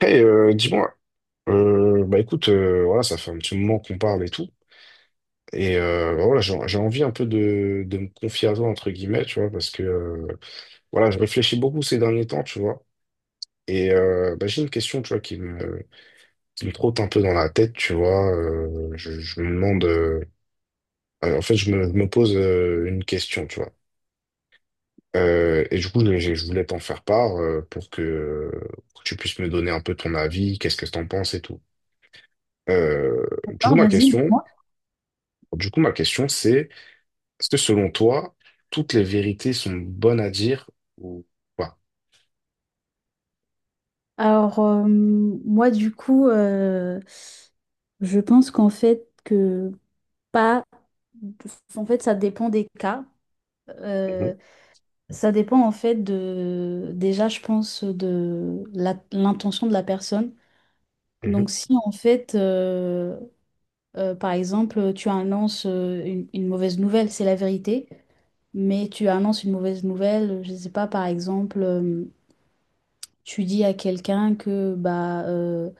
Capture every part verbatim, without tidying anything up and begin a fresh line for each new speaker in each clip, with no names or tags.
Hey, euh, dis-moi, euh, bah écoute, euh, voilà, ça fait un petit moment qu'on parle et tout, et euh, bah voilà, j'ai j'ai envie un peu de, de me confier à toi, entre guillemets, tu vois, parce que, euh, voilà, je réfléchis beaucoup ces derniers temps, tu vois, et euh, bah, j'ai une question, tu vois, qui me, qui me trotte un peu dans la tête, tu vois, euh, je, je me demande, euh, euh, en fait, je me, je me pose euh, une question, tu vois. Euh, et du coup, je, je voulais t'en faire part euh, pour que, pour que tu puisses me donner un peu ton avis, qu'est-ce que t'en penses et tout. Euh, du coup,
D'accord,
ma
vas-y,
question,
dis-moi.
du coup, ma question, c'est, est-ce que selon toi, toutes les vérités sont bonnes à dire ou pas?
Alors, euh, moi, du coup, euh, je pense qu'en fait, que pas. En fait, ça dépend des cas.
Mhm,
Euh, ça dépend, en fait, de. Déjà, je pense, de la- l'intention de la personne.
mhm,
Donc, si, en fait, euh, euh, par exemple, tu annonces euh, une, une mauvaise nouvelle, c'est la vérité, mais tu annonces une mauvaise nouvelle, je ne sais pas, par exemple, euh, tu dis à quelqu'un que, bah. euh,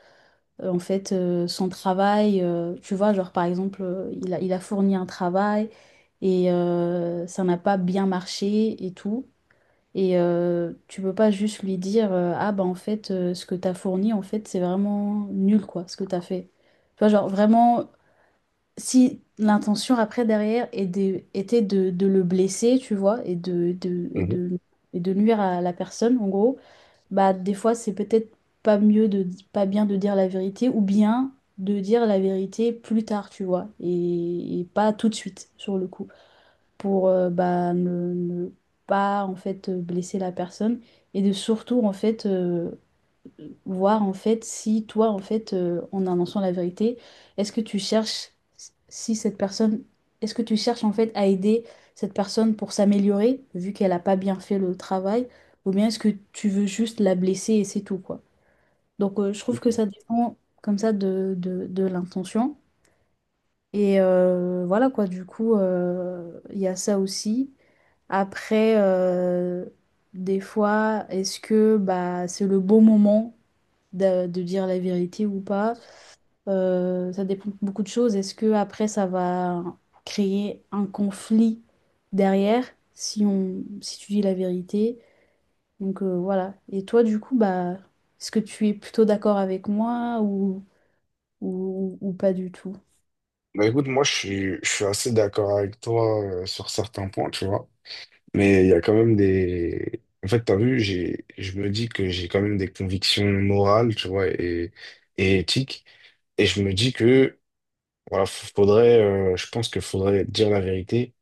euh, en fait, euh, son travail. euh, tu vois, genre, par exemple, euh, il a, il a fourni un travail et euh, ça n'a pas bien marché et tout. Et euh, tu peux pas juste lui dire, euh, ah bah en fait, euh, ce que t'as fourni, en fait, c'est vraiment nul, quoi, ce que t'as fait. Tu vois, genre, vraiment, si l'intention après, derrière, est de- était de, de le blesser, tu vois, et de, de, et
mhm.
de, et de nuire à la personne, en gros bah des fois c'est peut-être pas mieux de pas bien de dire la vérité ou bien de dire la vérité plus tard, tu vois, et, et pas tout de suite sur le coup pour euh, bah ne, ne pas en fait blesser la personne et de surtout en fait euh, voir en fait si toi en fait euh, en annonçant la vérité, est-ce que tu cherches si cette personne est-ce que tu cherches en fait à aider cette personne pour s'améliorer vu qu'elle a pas bien fait le travail ou bien est-ce que tu veux juste la blesser et c'est tout quoi. Donc euh, je trouve que
Ok.
ça dépend comme ça de, de, de l'intention et euh, voilà quoi du coup euh, il y a ça aussi. Après euh, des fois est-ce que bah c'est le bon moment de, de dire la vérité ou pas. Euh, ça dépend de beaucoup de choses. Est-ce que après ça va créer un conflit derrière si on, si tu dis la vérité? Donc euh, voilà. Et toi, du coup, bah, est-ce que tu es plutôt d'accord avec moi ou, ou, ou, pas du tout?
Bah écoute, moi, je suis, je suis assez d'accord avec toi euh, sur certains points, tu vois. Mais il y a quand même des... En fait, t'as vu, j'ai, je me dis que j'ai quand même des convictions morales, tu vois, et, et éthiques. Et je me dis que voilà, f- faudrait, euh, je pense qu'il faudrait dire la vérité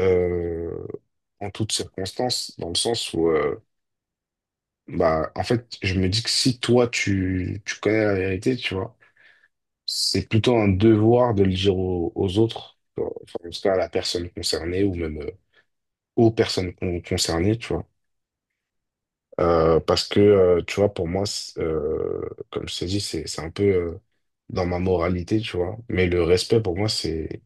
euh, en toutes circonstances, dans le sens où, euh, bah, en fait, je me dis que si toi, tu, tu connais la vérité, tu vois, c'est plutôt un devoir de le dire aux, aux autres, tu vois. Enfin, en tout cas à la personne concernée ou même euh, aux personnes con- concernées, tu vois. Euh, parce que, euh, tu vois, pour moi, c'est, euh, comme je t'ai dit, c'est, c'est un peu euh, dans ma moralité, tu vois. Mais le respect, pour moi, c'est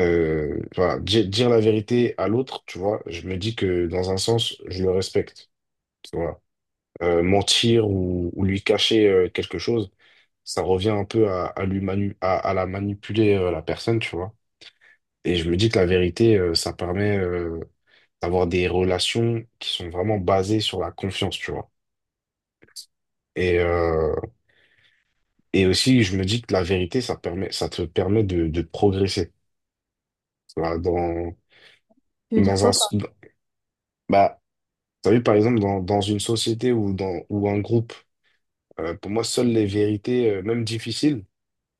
euh, voilà, di- dire, la vérité à l'autre, tu vois, je me dis que dans un sens, je le respecte. Tu vois. Euh, mentir ou, ou lui cacher euh, quelque chose, ça revient un peu à, à lui manu- à, à la manipuler euh, la personne, tu vois. Et je me dis que la vérité, euh, ça permet euh, d'avoir des relations qui sont vraiment basées sur la confiance, tu vois. Et, euh, et aussi, je me dis que la vérité, ça permet, ça te permet de, de progresser. Tu vois, dans,
Tu veux dire
dans un,
quoi
s-
par...
bah, t'as vu, par exemple, dans, dans une société ou dans ou un groupe, euh, pour moi, seules les vérités, euh, même difficiles,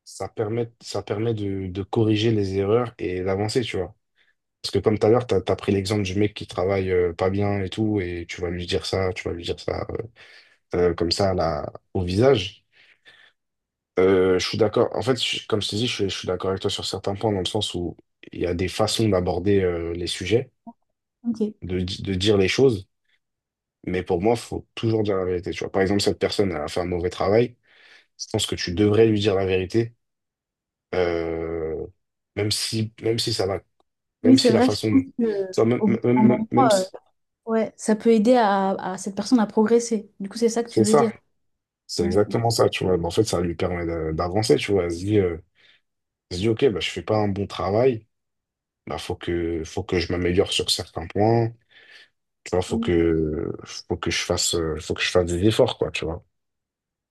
ça permet, ça permet de, de corriger les erreurs et d'avancer, tu vois. Parce que comme tout à l'heure, t'as, t'as pris l'exemple du mec qui travaille euh, pas bien et tout, et tu vas lui dire ça, tu vas lui dire ça euh, euh, comme ça là, au visage. Euh, je suis d'accord. En fait, je- comme je te dis, je, suis- je suis d'accord avec toi sur certains points, dans le sens où il y a des façons d'aborder euh, les sujets,
Ok.
de, di- de dire les choses, mais pour moi, faut toujours dire la vérité, tu vois. Par exemple, cette personne elle a fait un mauvais travail. Je pense que tu devrais lui dire la vérité, euh, même si, même si ça va,
Oui,
même
c'est
si la
vrai, je pense
façon,
que
ça, même,
au bout d'un
même, même-
moment,
même
euh,
si,
ouais, ça peut aider à, à cette personne à progresser. Du coup, c'est ça que tu
c'est
veux
ça,
dire.
c'est exactement ça, tu vois. Mais en fait, ça lui permet d'a- d'avancer, tu vois. Elle se dit, euh, elle se dit, ok, bah, je fais pas un bon travail, bah, faut que, faut que je m'améliore sur certains points, tu vois, faut
Ouais.
que, faut que je fasse, euh, faut que je fasse des efforts, quoi, tu vois.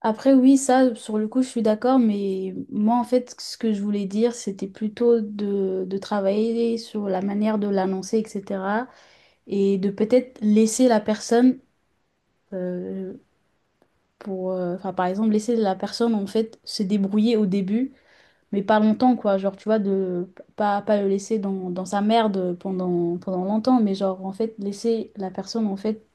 Après, oui, ça, sur le coup, je suis d'accord, mais moi, en fait, ce que je voulais dire, c'était plutôt de, de travailler sur la manière de l'annoncer, et cetera. Et de peut-être laisser la personne, euh, pour, euh, enfin, par exemple, laisser la personne, en fait, se débrouiller au début, mais pas longtemps, quoi. Genre, tu vois, de pas, pas le laisser dans, dans sa merde pendant, pendant longtemps, mais genre, en fait, laisser la personne, en fait,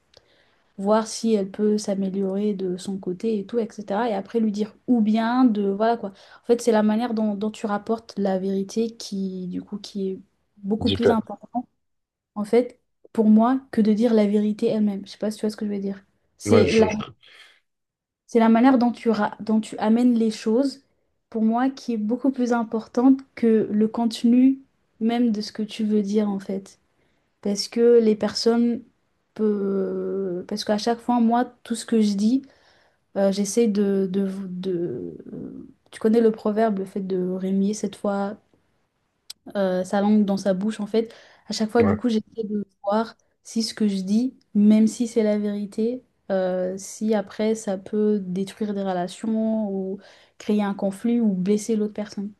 voir si elle peut s'améliorer de son côté et tout, et cetera. Et après lui dire ou bien de, voilà quoi. En fait, c'est la manière dont, dont tu rapportes la vérité qui, du coup, qui est beaucoup plus
Diffé-
important, en fait, pour moi, que de dire la vérité elle-même. Je sais pas si tu vois ce que je veux dire.
Ouais,
C'est la,
je, je-
c'est la manière dont tu, ra- dont tu amènes les choses, pour moi, qui est beaucoup plus importante que le contenu même de ce que tu veux dire, en fait. Parce que les personnes peu- Parce qu'à chaque fois, moi, tout ce que je dis, euh, j'essaie de, de, de- euh, tu connais le proverbe, le fait de remuer cette fois euh, sa langue dans sa bouche, en fait. À chaque fois, du coup,
ouais.
j'essaie de voir si ce que je dis, même si c'est la vérité, euh, si après ça peut détruire des relations ou créer un conflit ou blesser l'autre personne.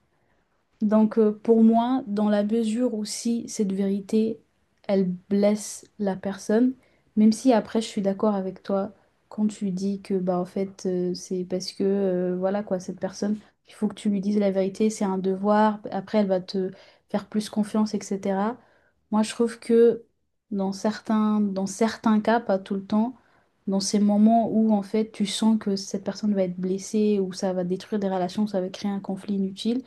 Donc euh, pour moi, dans la mesure où si cette vérité, elle blesse la personne, même si après je suis d'accord avec toi quand tu dis que bah en fait euh, c'est parce que euh, voilà quoi cette personne, il faut que tu lui dises la vérité, c'est un devoir, après elle va te faire plus confiance, et cetera. Moi je trouve que dans certains, dans certains cas, pas tout le temps, dans ces moments où en fait tu sens que cette personne va être blessée ou ça va détruire des relations, ça va créer un conflit inutile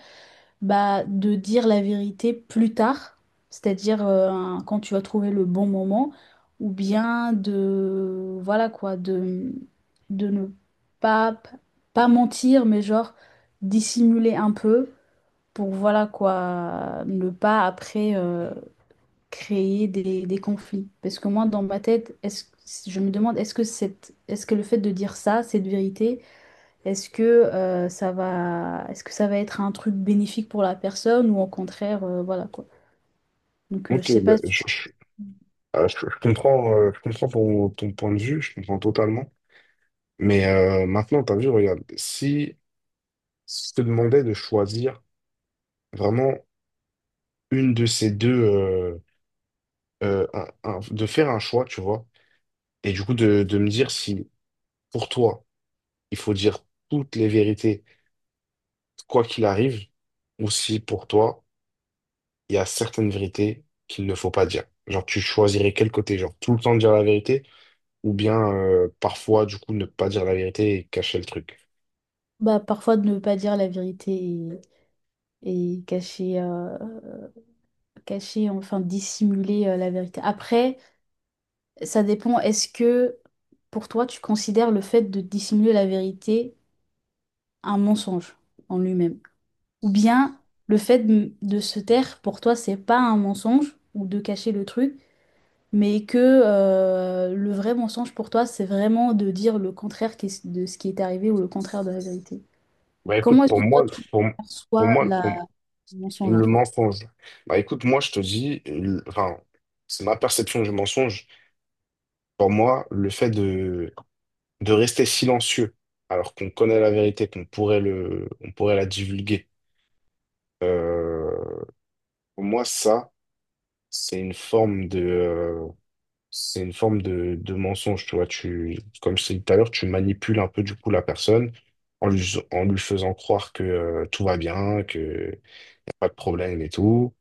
bah, de dire la vérité plus tard, c'est-à-dire euh, quand tu vas trouver le bon moment, ou bien de, voilà quoi, de, de ne pas, pas mentir, mais genre dissimuler un peu pour, voilà quoi, ne pas après euh, créer des, des conflits. Parce que moi, dans ma tête, est-ce, je me demande, est-ce que cette, est-ce que le fait de dire ça, cette vérité, est-ce que, euh, ça va, est-ce que ça va être un truc bénéfique pour la personne ou au contraire, euh, voilà quoi. Donc, euh, je
Ok,
sais
bah,
pas, si,
je, je, ah, je- je comprends, euh, je comprends ton, ton point de vue, je comprends totalement. Mais euh, maintenant, t'as vu, regarde, si je te demandais de choisir vraiment une de ces deux, euh, euh, un- un- de faire un choix, tu vois, et du coup de, de me dire si pour toi, il faut dire toutes les vérités, quoi qu'il arrive, ou si pour toi, il y a certaines vérités qu'il ne faut pas dire. Genre, tu choisirais quel côté, genre tout le temps dire la vérité, ou bien euh, parfois, du coup, ne pas dire la vérité et cacher le truc.
bah, parfois de ne pas dire la vérité et, et cacher, euh, cacher, enfin dissimuler euh, la vérité. Après, ça dépend, est-ce que pour toi, tu considères le fait de dissimuler la vérité un mensonge en lui-même? Ou bien le fait de, de se taire, pour toi, c'est pas un mensonge ou de cacher le truc? Mais que euh, le vrai mensonge pour toi, c'est vraiment de dire le contraire qu'est- de ce qui est arrivé ou le contraire de la vérité.
Bah écoute,
Comment est-ce
pour
que toi,
moi,
tu
pour,
perçois
pour moi,
la...
pour moi,
le mensonge en
le
fait?
mensonge. Bah écoute, moi je te dis, le- enfin, c'est ma perception du mensonge. Pour moi, le fait de, de rester silencieux, alors qu'on connaît la vérité, qu'on pourrait le, on pourrait la divulguer, euh, pour moi, ça, c'est une forme de, euh, c'est une forme de, de mensonge, tu vois. Tu, comme je t'ai dit tout à l'heure, tu manipules un peu du coup la personne en lui, en lui faisant croire que euh, tout va bien, que y a pas de problème et tout.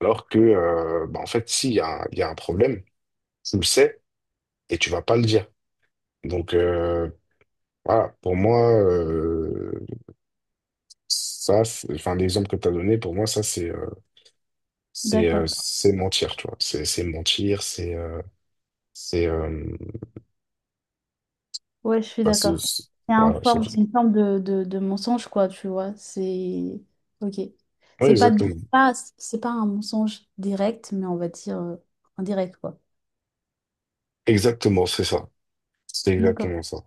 Alors que, euh, bah, en fait, s'il y a, un- il y a un problème, tu le sais et tu vas pas le dire. Donc euh, voilà, pour moi, euh, ça, c'est- enfin l'exemple que tu as donné, pour moi, ça c'est euh, c'est euh,
D'accord,
c'est mentir, tu vois. C'est c'est mentir, c'est euh, c'est euh,
ouais, je suis
bah, c'est-
d'accord.
c'est-
C'est un
voilà, c'est
forme,
tout.
c'est une forme de, de, de mensonge, quoi, tu vois. C'est. Ok.
Oui,
C'est pas,
exactement.
c'est pas, c'est pas un mensonge direct, mais on va dire euh, indirect, quoi.
Exactement, c'est ça. C'est
D'accord.
exactement ça.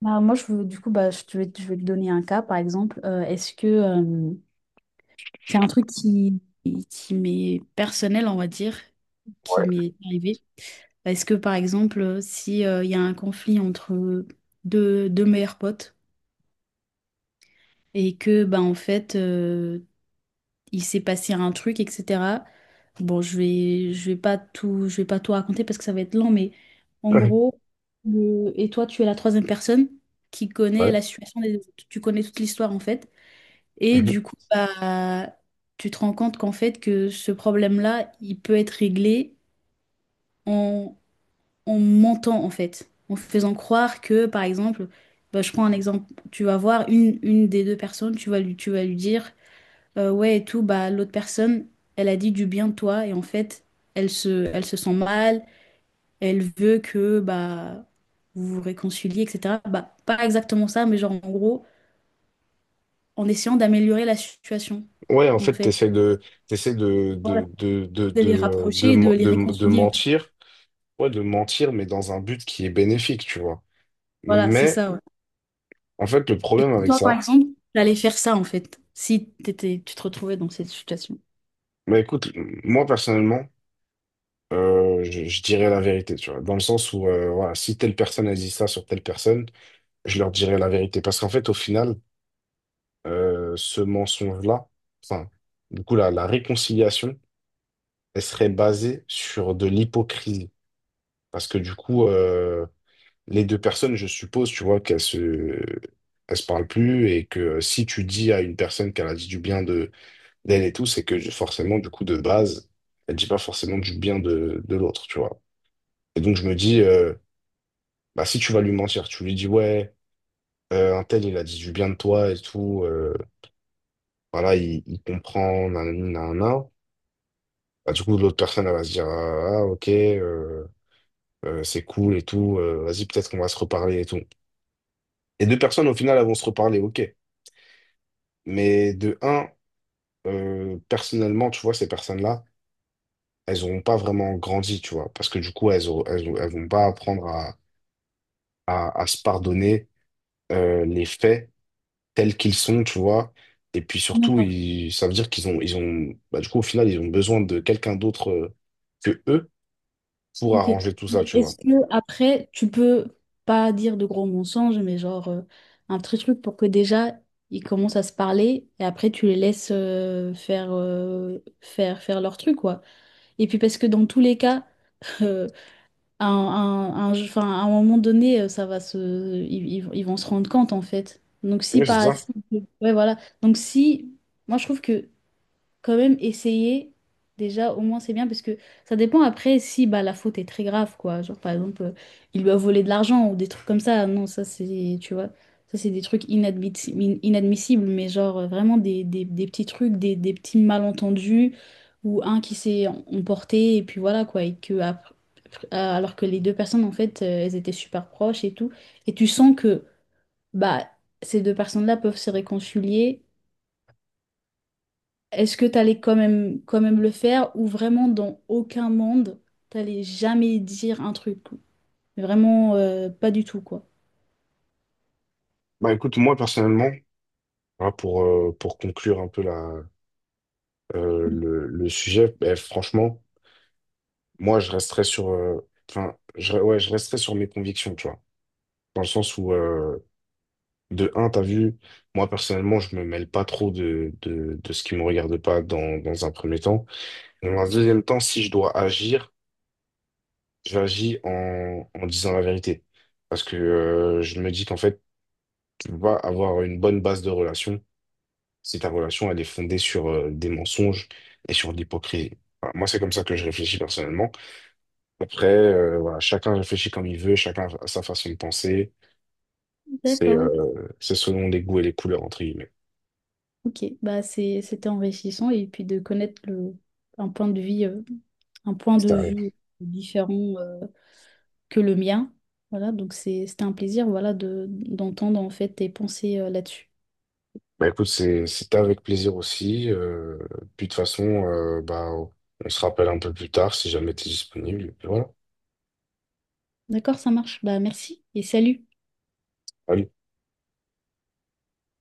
Bah, moi, je veux, du coup, bah, je te vais, je vais te donner un cas, par exemple. Euh, est-ce que euh, C'est un truc qui, qui m'est personnel, on va dire, qui
Ouais.
m'est arrivé. Parce que, par exemple, si euh, il y a un conflit entre deux, deux meilleurs potes et que, ben, en fait, euh, il s'est passé un truc, et cetera. Bon, je vais, je vais pas tout, je vais pas tout raconter parce que ça va être long, mais en gros, le- et toi, tu es la troisième personne qui connaît la
Ouais.
situation des autres. Tu connais toute l'histoire, en fait. Et
Mhm.
du coup, bah, tu te rends compte qu'en fait, que ce problème-là, il peut être réglé en, en mentant, en fait. En faisant croire que, par exemple, bah, je prends un exemple, tu vas voir une, une des deux personnes, tu vas lui, tu vas lui dire, euh, ouais, et tout, bah, l'autre personne, elle a dit du bien de toi, et en fait, elle se, elle se sent mal, elle veut que, bah, vous vous réconciliez, et cetera. Bah, pas exactement ça, mais genre, en gros, en essayant d'améliorer la situation,
Ouais, en
en
fait,
fait.
t'essaies de, t'essaies de,
Voilà.
de, de, de,
De
de,
les
euh, de,
rapprocher et de
men-
les
de, de
réconcilier.
mentir, ouais, de mentir, mais dans un but qui est bénéfique, tu vois.
Voilà, c'est
Mais
ça. Ouais.
en fait, le
Et
problème avec
toi, par
ça,
exemple, t'allais faire ça en fait, si t'étais, tu te retrouvais dans cette situation.
mais écoute, moi personnellement, euh, je, je dirais la vérité, tu vois, dans le sens où, euh, voilà, si telle personne a dit ça sur telle personne, je leur dirais la vérité. Parce qu'en fait, au final, euh, ce mensonge-là, enfin, du coup, la, la réconciliation, elle serait basée sur de l'hypocrisie. Parce que du coup, euh, les deux personnes, je suppose, tu vois, qu'elles se, elles se parlent plus et que si tu dis à une personne qu'elle a dit du bien d'elle et tout, c'est que j'ai forcément, du coup, de base, elle dit pas forcément du bien de, de l'autre, tu vois. Et donc, je me dis, euh, bah, si tu vas lui mentir, tu lui dis, ouais, euh, un tel, il a dit du bien de toi et tout, euh, voilà, il, il comprend, nanani, nanana. Bah, du coup, l'autre personne, elle va se dire, ah, ah, ok, euh, euh, c'est cool et tout, euh, vas-y, peut-être qu'on va se reparler et tout. Et deux personnes, au final, elles vont se reparler, ok. Mais de un, euh, personnellement, tu vois, ces personnes-là, elles n'auront pas vraiment grandi, tu vois, parce que du coup, elles, auront- elles, auront- elles vont pas apprendre à, à, à se pardonner euh, les faits tels qu'ils sont, tu vois. Et puis surtout,
D'accord,
ils, ça veut dire qu'ils ont, ils ont, bah, du coup, au final, ils ont besoin de quelqu'un d'autre euh, que eux pour
ok.
arranger tout ça,
Mais
tu
Est-ce
vois.
que après, tu peux pas dire de gros mensonges, mais genre euh, un petit truc pour que déjà ils commencent à se parler et après tu les laisses euh, faire, euh, faire, faire leur truc, quoi. Et puis parce que dans tous les cas, à un, un- un enfin, à un moment donné, euh, ça va se, ils, ils vont ils vont se rendre compte en fait. Donc si
Oui, c'est
pas,
ça.
si- Ouais, voilà. Donc si, moi je trouve que quand même essayer. Déjà, au moins, c'est bien parce que ça dépend après si bah, la faute est très grave, quoi. Genre, par exemple, euh, il lui a volé de l'argent ou des trucs comme ça. Non, ça, c'est, tu vois, ça, c'est des trucs inadmissi- in- inadmissibles, mais genre, euh, vraiment des, des- des petits trucs, des, des petits malentendus ou un qui s'est em- emporté et puis voilà, quoi. Et que, ap- euh, alors que les deux personnes, en fait, euh, elles étaient super proches et tout. Et tu sens que, bah, ces deux personnes-là peuvent se réconcilier. Est-ce que t'allais quand même, quand même le faire ou vraiment dans aucun monde, t'allais jamais dire un truc? Vraiment, euh, pas du tout, quoi.
Bah écoute, moi personnellement, voilà, pour, euh, pour conclure un peu la, euh, le, le sujet, bah, franchement, moi je resterais sur, euh, enfin, je, ouais, je resterais sur mes convictions, tu vois. Dans le sens où, euh, de un, t'as vu, moi personnellement, je me mêle pas trop de, de, de ce qui me regarde pas dans, dans un premier temps. Dans un deuxième temps, si je dois agir, j'agis en, en disant la vérité. Parce que euh, je me dis qu'en fait, tu vas avoir une bonne base de relation si ta relation, elle est fondée sur euh, des mensonges et sur de l'hypocrisie. Voilà, moi, c'est comme ça que je réfléchis personnellement. Après, euh, voilà, chacun réfléchit comme il veut, chacun a sa façon de penser. C'est
D'accord, ok.
euh, c'est selon les goûts et les couleurs, entre guillemets.
Ok, bah, c'est, c'était enrichissant et puis de connaître le, un point de vue, euh, un point de vue différent, euh, que le mien. Voilà, donc c'est, c'était un plaisir, voilà, de, d'entendre en fait tes pensées, euh, là-dessus.
Bah écoute, c'est- c'était avec plaisir aussi. euh, puis de toute façon, euh, bah, on se rappelle un peu plus tard si jamais tu es disponible. Et puis voilà.
D'accord, ça marche. Bah, merci et salut.
Allez.